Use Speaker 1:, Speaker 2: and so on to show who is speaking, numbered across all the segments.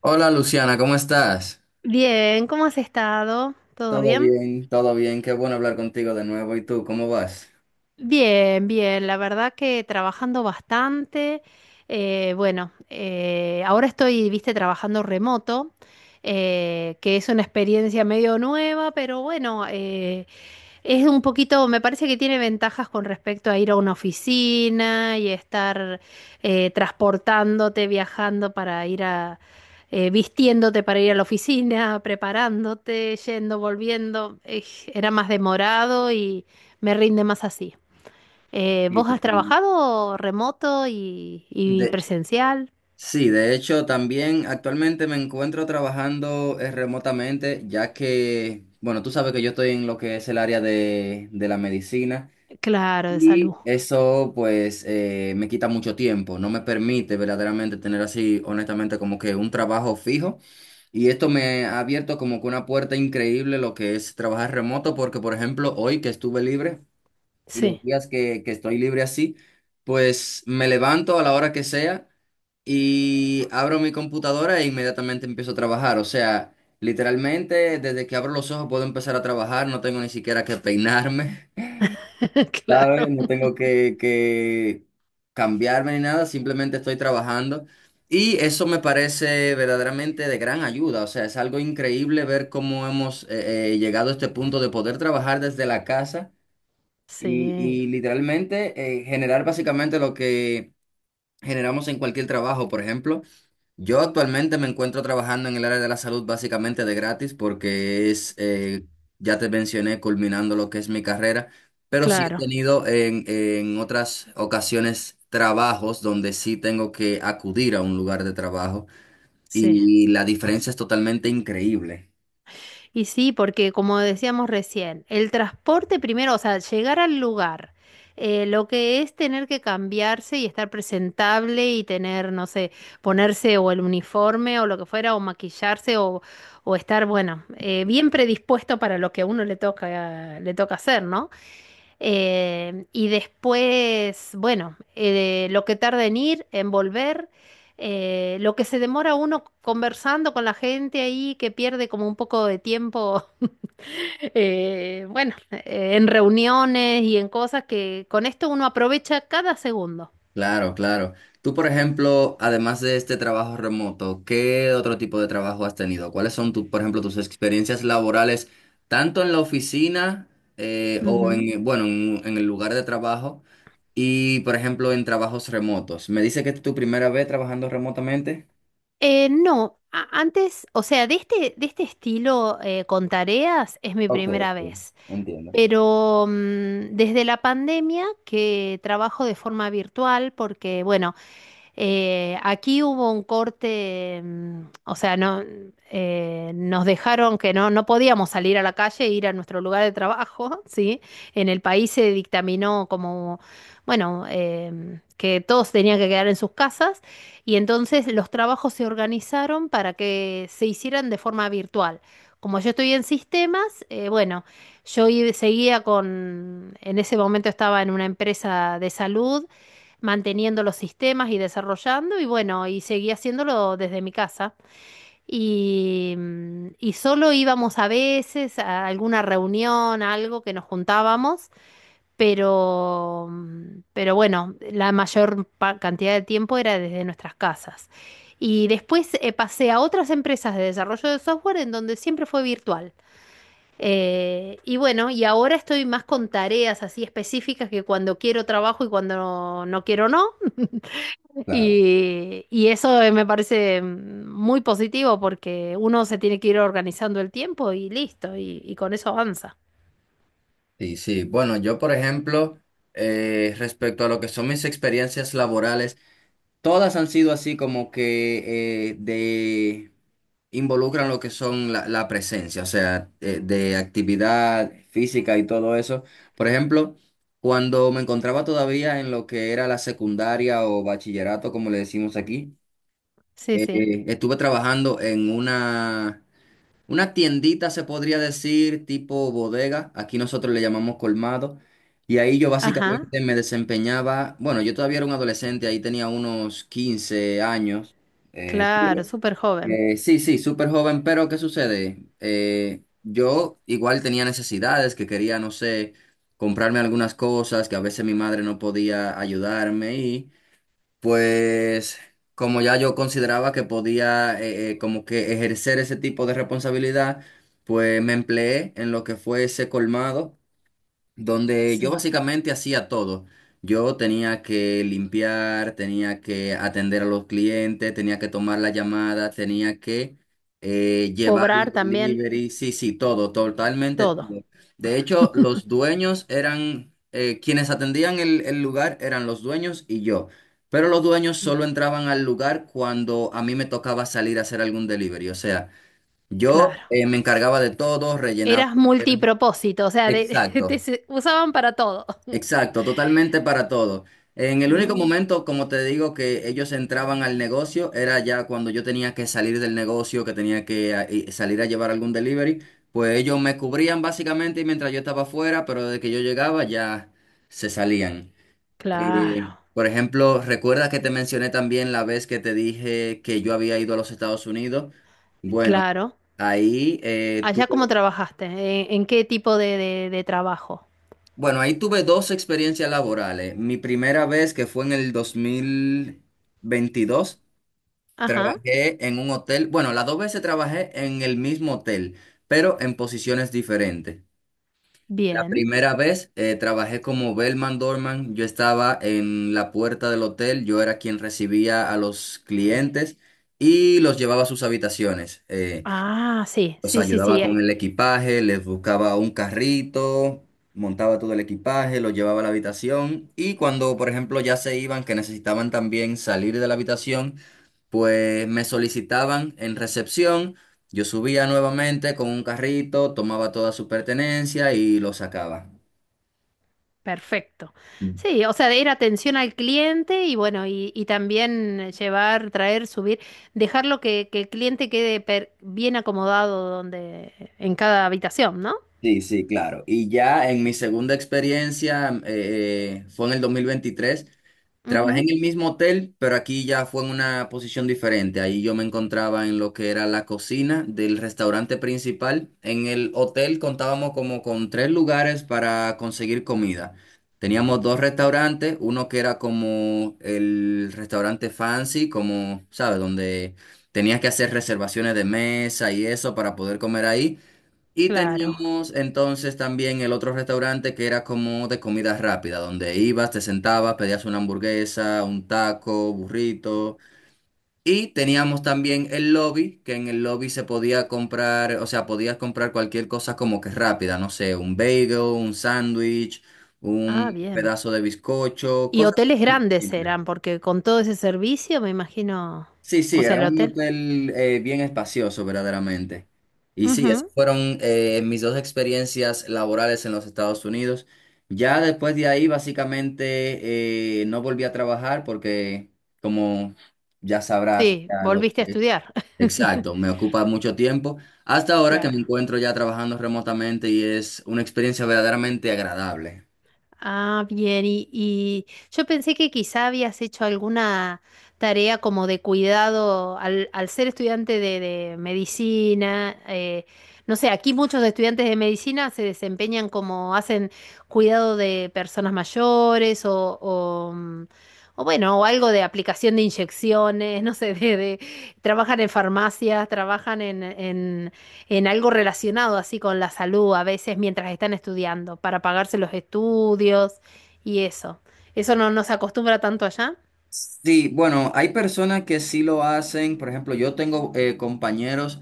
Speaker 1: Hola Luciana, ¿cómo estás?
Speaker 2: Bien, ¿cómo has estado? ¿Todo bien?
Speaker 1: Todo bien, qué bueno hablar contigo de nuevo. ¿Y tú, cómo vas?
Speaker 2: Bien, bien, la verdad que trabajando bastante. Bueno, Ahora estoy, viste, trabajando remoto, que es una experiencia medio nueva, pero bueno, es un poquito, me parece que tiene ventajas con respecto a ir a una oficina y estar transportándote, viajando para ir a, vistiéndote para ir a la oficina, preparándote, yendo, volviendo. Era más demorado y me rinde más así.
Speaker 1: Sí,
Speaker 2: ¿Vos has
Speaker 1: totalmente.
Speaker 2: trabajado remoto y
Speaker 1: De,
Speaker 2: presencial?
Speaker 1: sí, de hecho, también actualmente me encuentro trabajando remotamente, ya que, bueno, tú sabes que yo estoy en lo que es el área de la medicina.
Speaker 2: Claro, de salud.
Speaker 1: Y eso pues me quita mucho tiempo, no me permite verdaderamente tener así, honestamente, como que un trabajo fijo. Y esto me ha abierto como que una puerta increíble lo que es trabajar remoto, porque por ejemplo, hoy que estuve libre y los
Speaker 2: Sí,
Speaker 1: días que estoy libre así, pues me levanto a la hora que sea y abro mi computadora e inmediatamente empiezo a trabajar. O sea, literalmente desde que abro los ojos puedo empezar a trabajar, no tengo ni siquiera que peinarme.
Speaker 2: claro.
Speaker 1: ¿Sabes? No tengo que cambiarme ni nada, simplemente estoy trabajando. Y eso me parece verdaderamente de gran ayuda, o sea, es algo increíble ver cómo hemos llegado a este punto de poder trabajar desde la casa y,
Speaker 2: Sí,
Speaker 1: y literalmente generar básicamente lo que generamos en cualquier trabajo. Por ejemplo, yo actualmente me encuentro trabajando en el área de la salud básicamente de gratis porque es, ya te mencioné, culminando lo que es mi carrera, pero sí he
Speaker 2: claro.
Speaker 1: tenido en otras ocasiones trabajos donde sí tengo que acudir a un lugar de trabajo
Speaker 2: Sí.
Speaker 1: y la diferencia es totalmente increíble.
Speaker 2: Y sí, porque como decíamos recién, el transporte primero, o sea, llegar al lugar, lo que es tener que cambiarse y estar presentable y tener, no sé, ponerse o el uniforme o lo que fuera, o maquillarse o estar, bueno, bien predispuesto para lo que a uno le toca hacer, ¿no? Y después, bueno, lo que tarda en ir, en volver, lo que se demora uno conversando con la gente ahí, que pierde como un poco de tiempo, bueno, en reuniones y en cosas que con esto uno aprovecha cada segundo.
Speaker 1: Claro, claro. Tú, por ejemplo, además de este trabajo remoto, ¿qué otro tipo de trabajo has tenido? ¿Cuáles son, tu, por ejemplo, tus experiencias laborales, tanto en la oficina o
Speaker 2: Ujú.
Speaker 1: en, bueno, en el lugar de trabajo y, por ejemplo, en trabajos remotos? ¿Me dice que es tu primera vez trabajando remotamente?
Speaker 2: No, antes, o sea, de este estilo con tareas es mi
Speaker 1: Ok,
Speaker 2: primera
Speaker 1: ok,
Speaker 2: vez.
Speaker 1: entiendo.
Speaker 2: Pero mm, desde la pandemia que trabajo de forma virtual porque, bueno, aquí hubo un corte, mm, o sea, no, nos dejaron que no, no podíamos salir a la calle e ir a nuestro lugar de trabajo, ¿sí? En el país se dictaminó como, bueno, que todos tenían que quedar en sus casas y entonces los trabajos se organizaron para que se hicieran de forma virtual. Como yo estoy en sistemas, bueno, seguía con, en ese momento estaba en una empresa de salud manteniendo los sistemas y desarrollando y bueno, y seguí haciéndolo desde mi casa. Y, mm, y solo íbamos a veces a alguna reunión, a algo que nos juntábamos, pero, mm, pero bueno, la cantidad de tiempo era desde nuestras casas. Y después pasé a otras empresas de desarrollo de software en donde siempre fue virtual. Y bueno, y ahora estoy más con tareas así específicas que cuando quiero trabajo y cuando no quiero no.
Speaker 1: Claro.
Speaker 2: Y eso me parece mm, muy positivo porque uno se tiene que ir organizando el tiempo y listo, y con eso avanza.
Speaker 1: Sí, sí. Bueno, yo, por ejemplo, respecto a lo que son mis experiencias laborales, todas han sido así como que de involucran lo que son la presencia, o sea, de actividad física y todo eso. Por ejemplo, cuando me encontraba todavía en lo que era la secundaria o bachillerato, como le decimos aquí,
Speaker 2: Sí, sí.
Speaker 1: estuve trabajando en una tiendita se podría decir, tipo bodega, aquí nosotros le llamamos colmado, y ahí yo
Speaker 2: Ajá,
Speaker 1: básicamente me desempeñaba, bueno, yo todavía era un adolescente, ahí tenía unos 15 años, eh,
Speaker 2: claro, súper joven.
Speaker 1: sí, sí, súper joven, pero ¿qué sucede? Yo igual tenía necesidades, que quería, no sé, comprarme algunas cosas, que a veces mi madre no podía ayudarme, y pues como ya yo consideraba que podía como que ejercer ese tipo de responsabilidad, pues me empleé en lo que fue ese colmado donde yo
Speaker 2: Sí.
Speaker 1: básicamente hacía todo. Yo tenía que limpiar, tenía que atender a los clientes, tenía que tomar la llamada, tenía que llevar
Speaker 2: Cobrar
Speaker 1: los
Speaker 2: también
Speaker 1: delivery, sí, sí, todo, totalmente
Speaker 2: todo.
Speaker 1: todo. De hecho, los dueños eran, quienes atendían el lugar eran los dueños y yo. Pero los dueños
Speaker 2: Bien,
Speaker 1: solo entraban al lugar cuando a mí me tocaba salir a hacer algún delivery. O sea, yo
Speaker 2: claro.
Speaker 1: me encargaba de todo, rellenaba.
Speaker 2: Eras multipropósito, o sea,
Speaker 1: Exacto.
Speaker 2: usaban para todo.
Speaker 1: Exacto, totalmente para todo. En el único
Speaker 2: Mm,
Speaker 1: momento, como te digo, que ellos entraban al negocio era ya cuando yo tenía que salir del negocio, que tenía que y salir a llevar algún delivery, pues ellos me cubrían básicamente mientras yo estaba afuera, pero desde que yo llegaba ya se salían.
Speaker 2: claro,
Speaker 1: Por ejemplo, recuerda que te mencioné también la vez que te dije que yo había ido a los Estados Unidos. Bueno,
Speaker 2: claro.
Speaker 1: ahí eh,
Speaker 2: Allá
Speaker 1: tuve
Speaker 2: cómo trabajaste. En qué tipo de, de trabajo?
Speaker 1: Bueno, ahí tuve dos experiencias laborales. Mi primera vez, que fue en el 2022,
Speaker 2: Ajá,
Speaker 1: trabajé en un hotel. Bueno, las dos veces trabajé en el mismo hotel, pero en posiciones diferentes. La
Speaker 2: bien.
Speaker 1: primera vez trabajé como bellman doorman. Yo estaba en la puerta del hotel, yo era quien recibía a los clientes y los llevaba a sus habitaciones.
Speaker 2: Ah, sí,
Speaker 1: Los
Speaker 2: sí, sí,
Speaker 1: ayudaba
Speaker 2: sí,
Speaker 1: con el equipaje, les buscaba un carrito, montaba todo el equipaje, lo llevaba a la habitación y cuando, por ejemplo, ya se iban, que necesitaban también salir de la habitación, pues me solicitaban en recepción, yo subía nuevamente con un carrito, tomaba toda su pertenencia y lo sacaba.
Speaker 2: perfecto.
Speaker 1: Mm.
Speaker 2: Sí, o sea, de ir atención al cliente y bueno, y también llevar, traer, subir, dejarlo que el cliente quede bien acomodado donde, en cada habitación, ¿no?
Speaker 1: Sí, sí, claro. Y ya en mi segunda experiencia, fue en el 2023. Trabajé
Speaker 2: Ujú,
Speaker 1: en el mismo hotel, pero aquí ya fue en una posición diferente. Ahí yo me encontraba en lo que era la cocina del restaurante principal. En el hotel contábamos como con tres lugares para conseguir comida. Teníamos dos restaurantes, uno que era como el restaurante fancy, como, ¿sabes? Donde tenías que hacer reservaciones de mesa y eso para poder comer ahí. Y
Speaker 2: claro.
Speaker 1: teníamos entonces también el otro restaurante que era como de comida rápida, donde ibas, te sentabas, pedías una hamburguesa, un taco, burrito. Y teníamos también el lobby, que en el lobby se podía comprar, o sea, podías comprar cualquier cosa como que rápida, no sé, un bagel, un sándwich,
Speaker 2: Ah,
Speaker 1: un
Speaker 2: bien.
Speaker 1: pedazo de bizcocho,
Speaker 2: Y
Speaker 1: cosas
Speaker 2: hoteles grandes
Speaker 1: simples.
Speaker 2: serán, porque con todo ese servicio me imagino,
Speaker 1: Sí, sí,
Speaker 2: o sea,
Speaker 1: era
Speaker 2: el
Speaker 1: un
Speaker 2: hotel.
Speaker 1: hotel bien espacioso, verdaderamente. Y sí, esas
Speaker 2: Ujú.
Speaker 1: fueron mis dos experiencias laborales en los Estados Unidos. Ya después de ahí, básicamente, no volví a trabajar porque, como ya sabrás, o
Speaker 2: Sí,
Speaker 1: sea, lo
Speaker 2: volviste a
Speaker 1: que...
Speaker 2: estudiar.
Speaker 1: Exacto, me ocupa mucho tiempo. Hasta ahora que
Speaker 2: Claro.
Speaker 1: me encuentro ya trabajando remotamente y es una experiencia verdaderamente agradable.
Speaker 2: Ah, bien, y yo pensé que quizá habías hecho alguna tarea como de cuidado al, al ser estudiante de medicina. No sé, aquí muchos estudiantes de medicina se desempeñan como hacen cuidado de personas mayores o, mm, o bueno, o algo de aplicación de inyecciones, no sé, de, trabajan en farmacias, trabajan en algo relacionado así con la salud a veces mientras están estudiando, para pagarse los estudios y eso. Eso no, no se acostumbra tanto allá.
Speaker 1: Sí, bueno, hay personas que sí lo hacen. Por ejemplo, yo tengo compañeros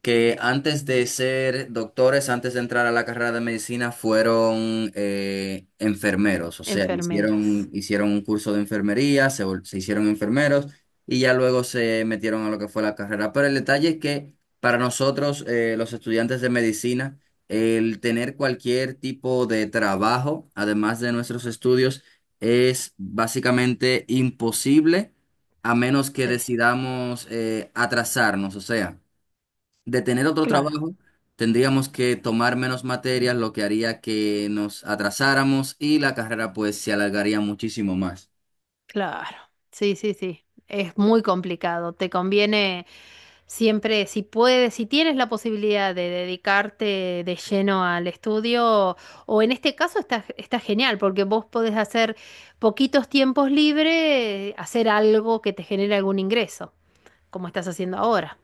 Speaker 1: que antes de ser doctores, antes de entrar a la carrera de medicina, fueron enfermeros. O sea, hicieron,
Speaker 2: Enfermeros.
Speaker 1: hicieron un curso de enfermería, se hicieron enfermeros y ya luego se metieron a lo que fue la carrera. Pero el detalle es que para nosotros, los estudiantes de medicina, el tener cualquier tipo de trabajo, además de nuestros estudios, es básicamente imposible a menos que
Speaker 2: Sí,
Speaker 1: decidamos atrasarnos. O sea, de tener otro
Speaker 2: claro,
Speaker 1: trabajo, tendríamos que tomar menos materias, lo que haría que nos atrasáramos y la carrera pues se alargaría muchísimo más.
Speaker 2: claro. Sí, sí, sí. Es muy complicado. Te conviene siempre, si puedes, si tienes la posibilidad de dedicarte de lleno al estudio, o en este caso está, está genial, porque vos podés hacer poquitos tiempos libres, hacer algo que te genere algún ingreso, como estás haciendo ahora.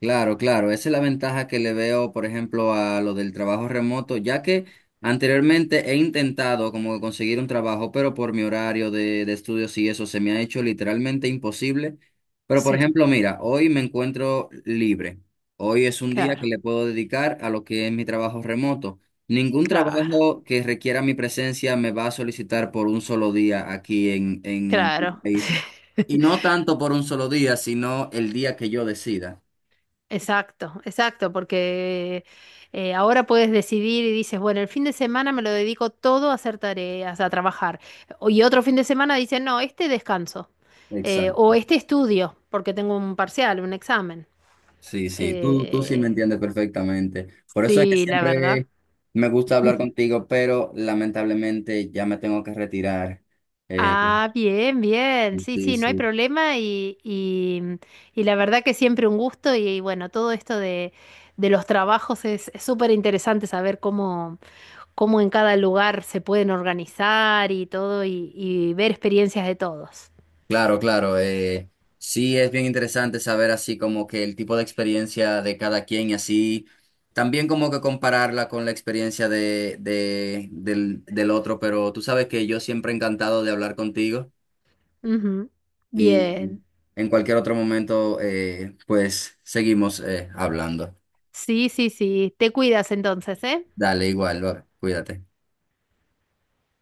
Speaker 1: Claro, claro, esa es la ventaja que le veo, por ejemplo, a lo del trabajo remoto, ya que anteriormente he intentado como que conseguir un trabajo, pero por mi horario de estudios y eso se me ha hecho literalmente imposible. Pero, por
Speaker 2: Sí,
Speaker 1: ejemplo, mira, hoy me encuentro libre. Hoy es un día que
Speaker 2: claro,
Speaker 1: le puedo dedicar a lo que es mi trabajo remoto. Ningún
Speaker 2: claro,
Speaker 1: trabajo que requiera mi presencia me va a solicitar por un solo día aquí en mi
Speaker 2: claro.
Speaker 1: país. Y no tanto por un solo día, sino el día que yo decida.
Speaker 2: Exacto, exacto, porque ahora puedes decidir y dices, bueno, el fin de semana me lo dedico todo a hacer tareas, a trabajar. O- y otro fin de semana dices, no, este descanso,
Speaker 1: Exacto.
Speaker 2: o este estudio, porque tengo un parcial, un examen.
Speaker 1: Sí, sí, tú sí me
Speaker 2: Eh,
Speaker 1: entiendes perfectamente. Por eso es que
Speaker 2: sí, la verdad.
Speaker 1: siempre me gusta hablar contigo, pero lamentablemente ya me tengo que retirar. Eh,
Speaker 2: Ah, bien, bien. Sí,
Speaker 1: sí,
Speaker 2: sí, no hay
Speaker 1: sí.
Speaker 2: problema y, mm, y la verdad que siempre un gusto y, bueno, todo esto de los trabajos es súper interesante saber cómo, cómo en cada lugar se pueden organizar y todo y ver experiencias de todos.
Speaker 1: Claro, claro. Sí, es bien interesante saber así como que el tipo de experiencia de cada quien y así también como que compararla con la experiencia de, del, del otro, pero tú sabes que yo siempre encantado de hablar contigo
Speaker 2: Ujú.
Speaker 1: y
Speaker 2: Bien.
Speaker 1: en cualquier otro momento pues seguimos hablando.
Speaker 2: Sí, sí, sí. Te cuidas entonces, ¿eh?
Speaker 1: Dale, igual, va, cuídate.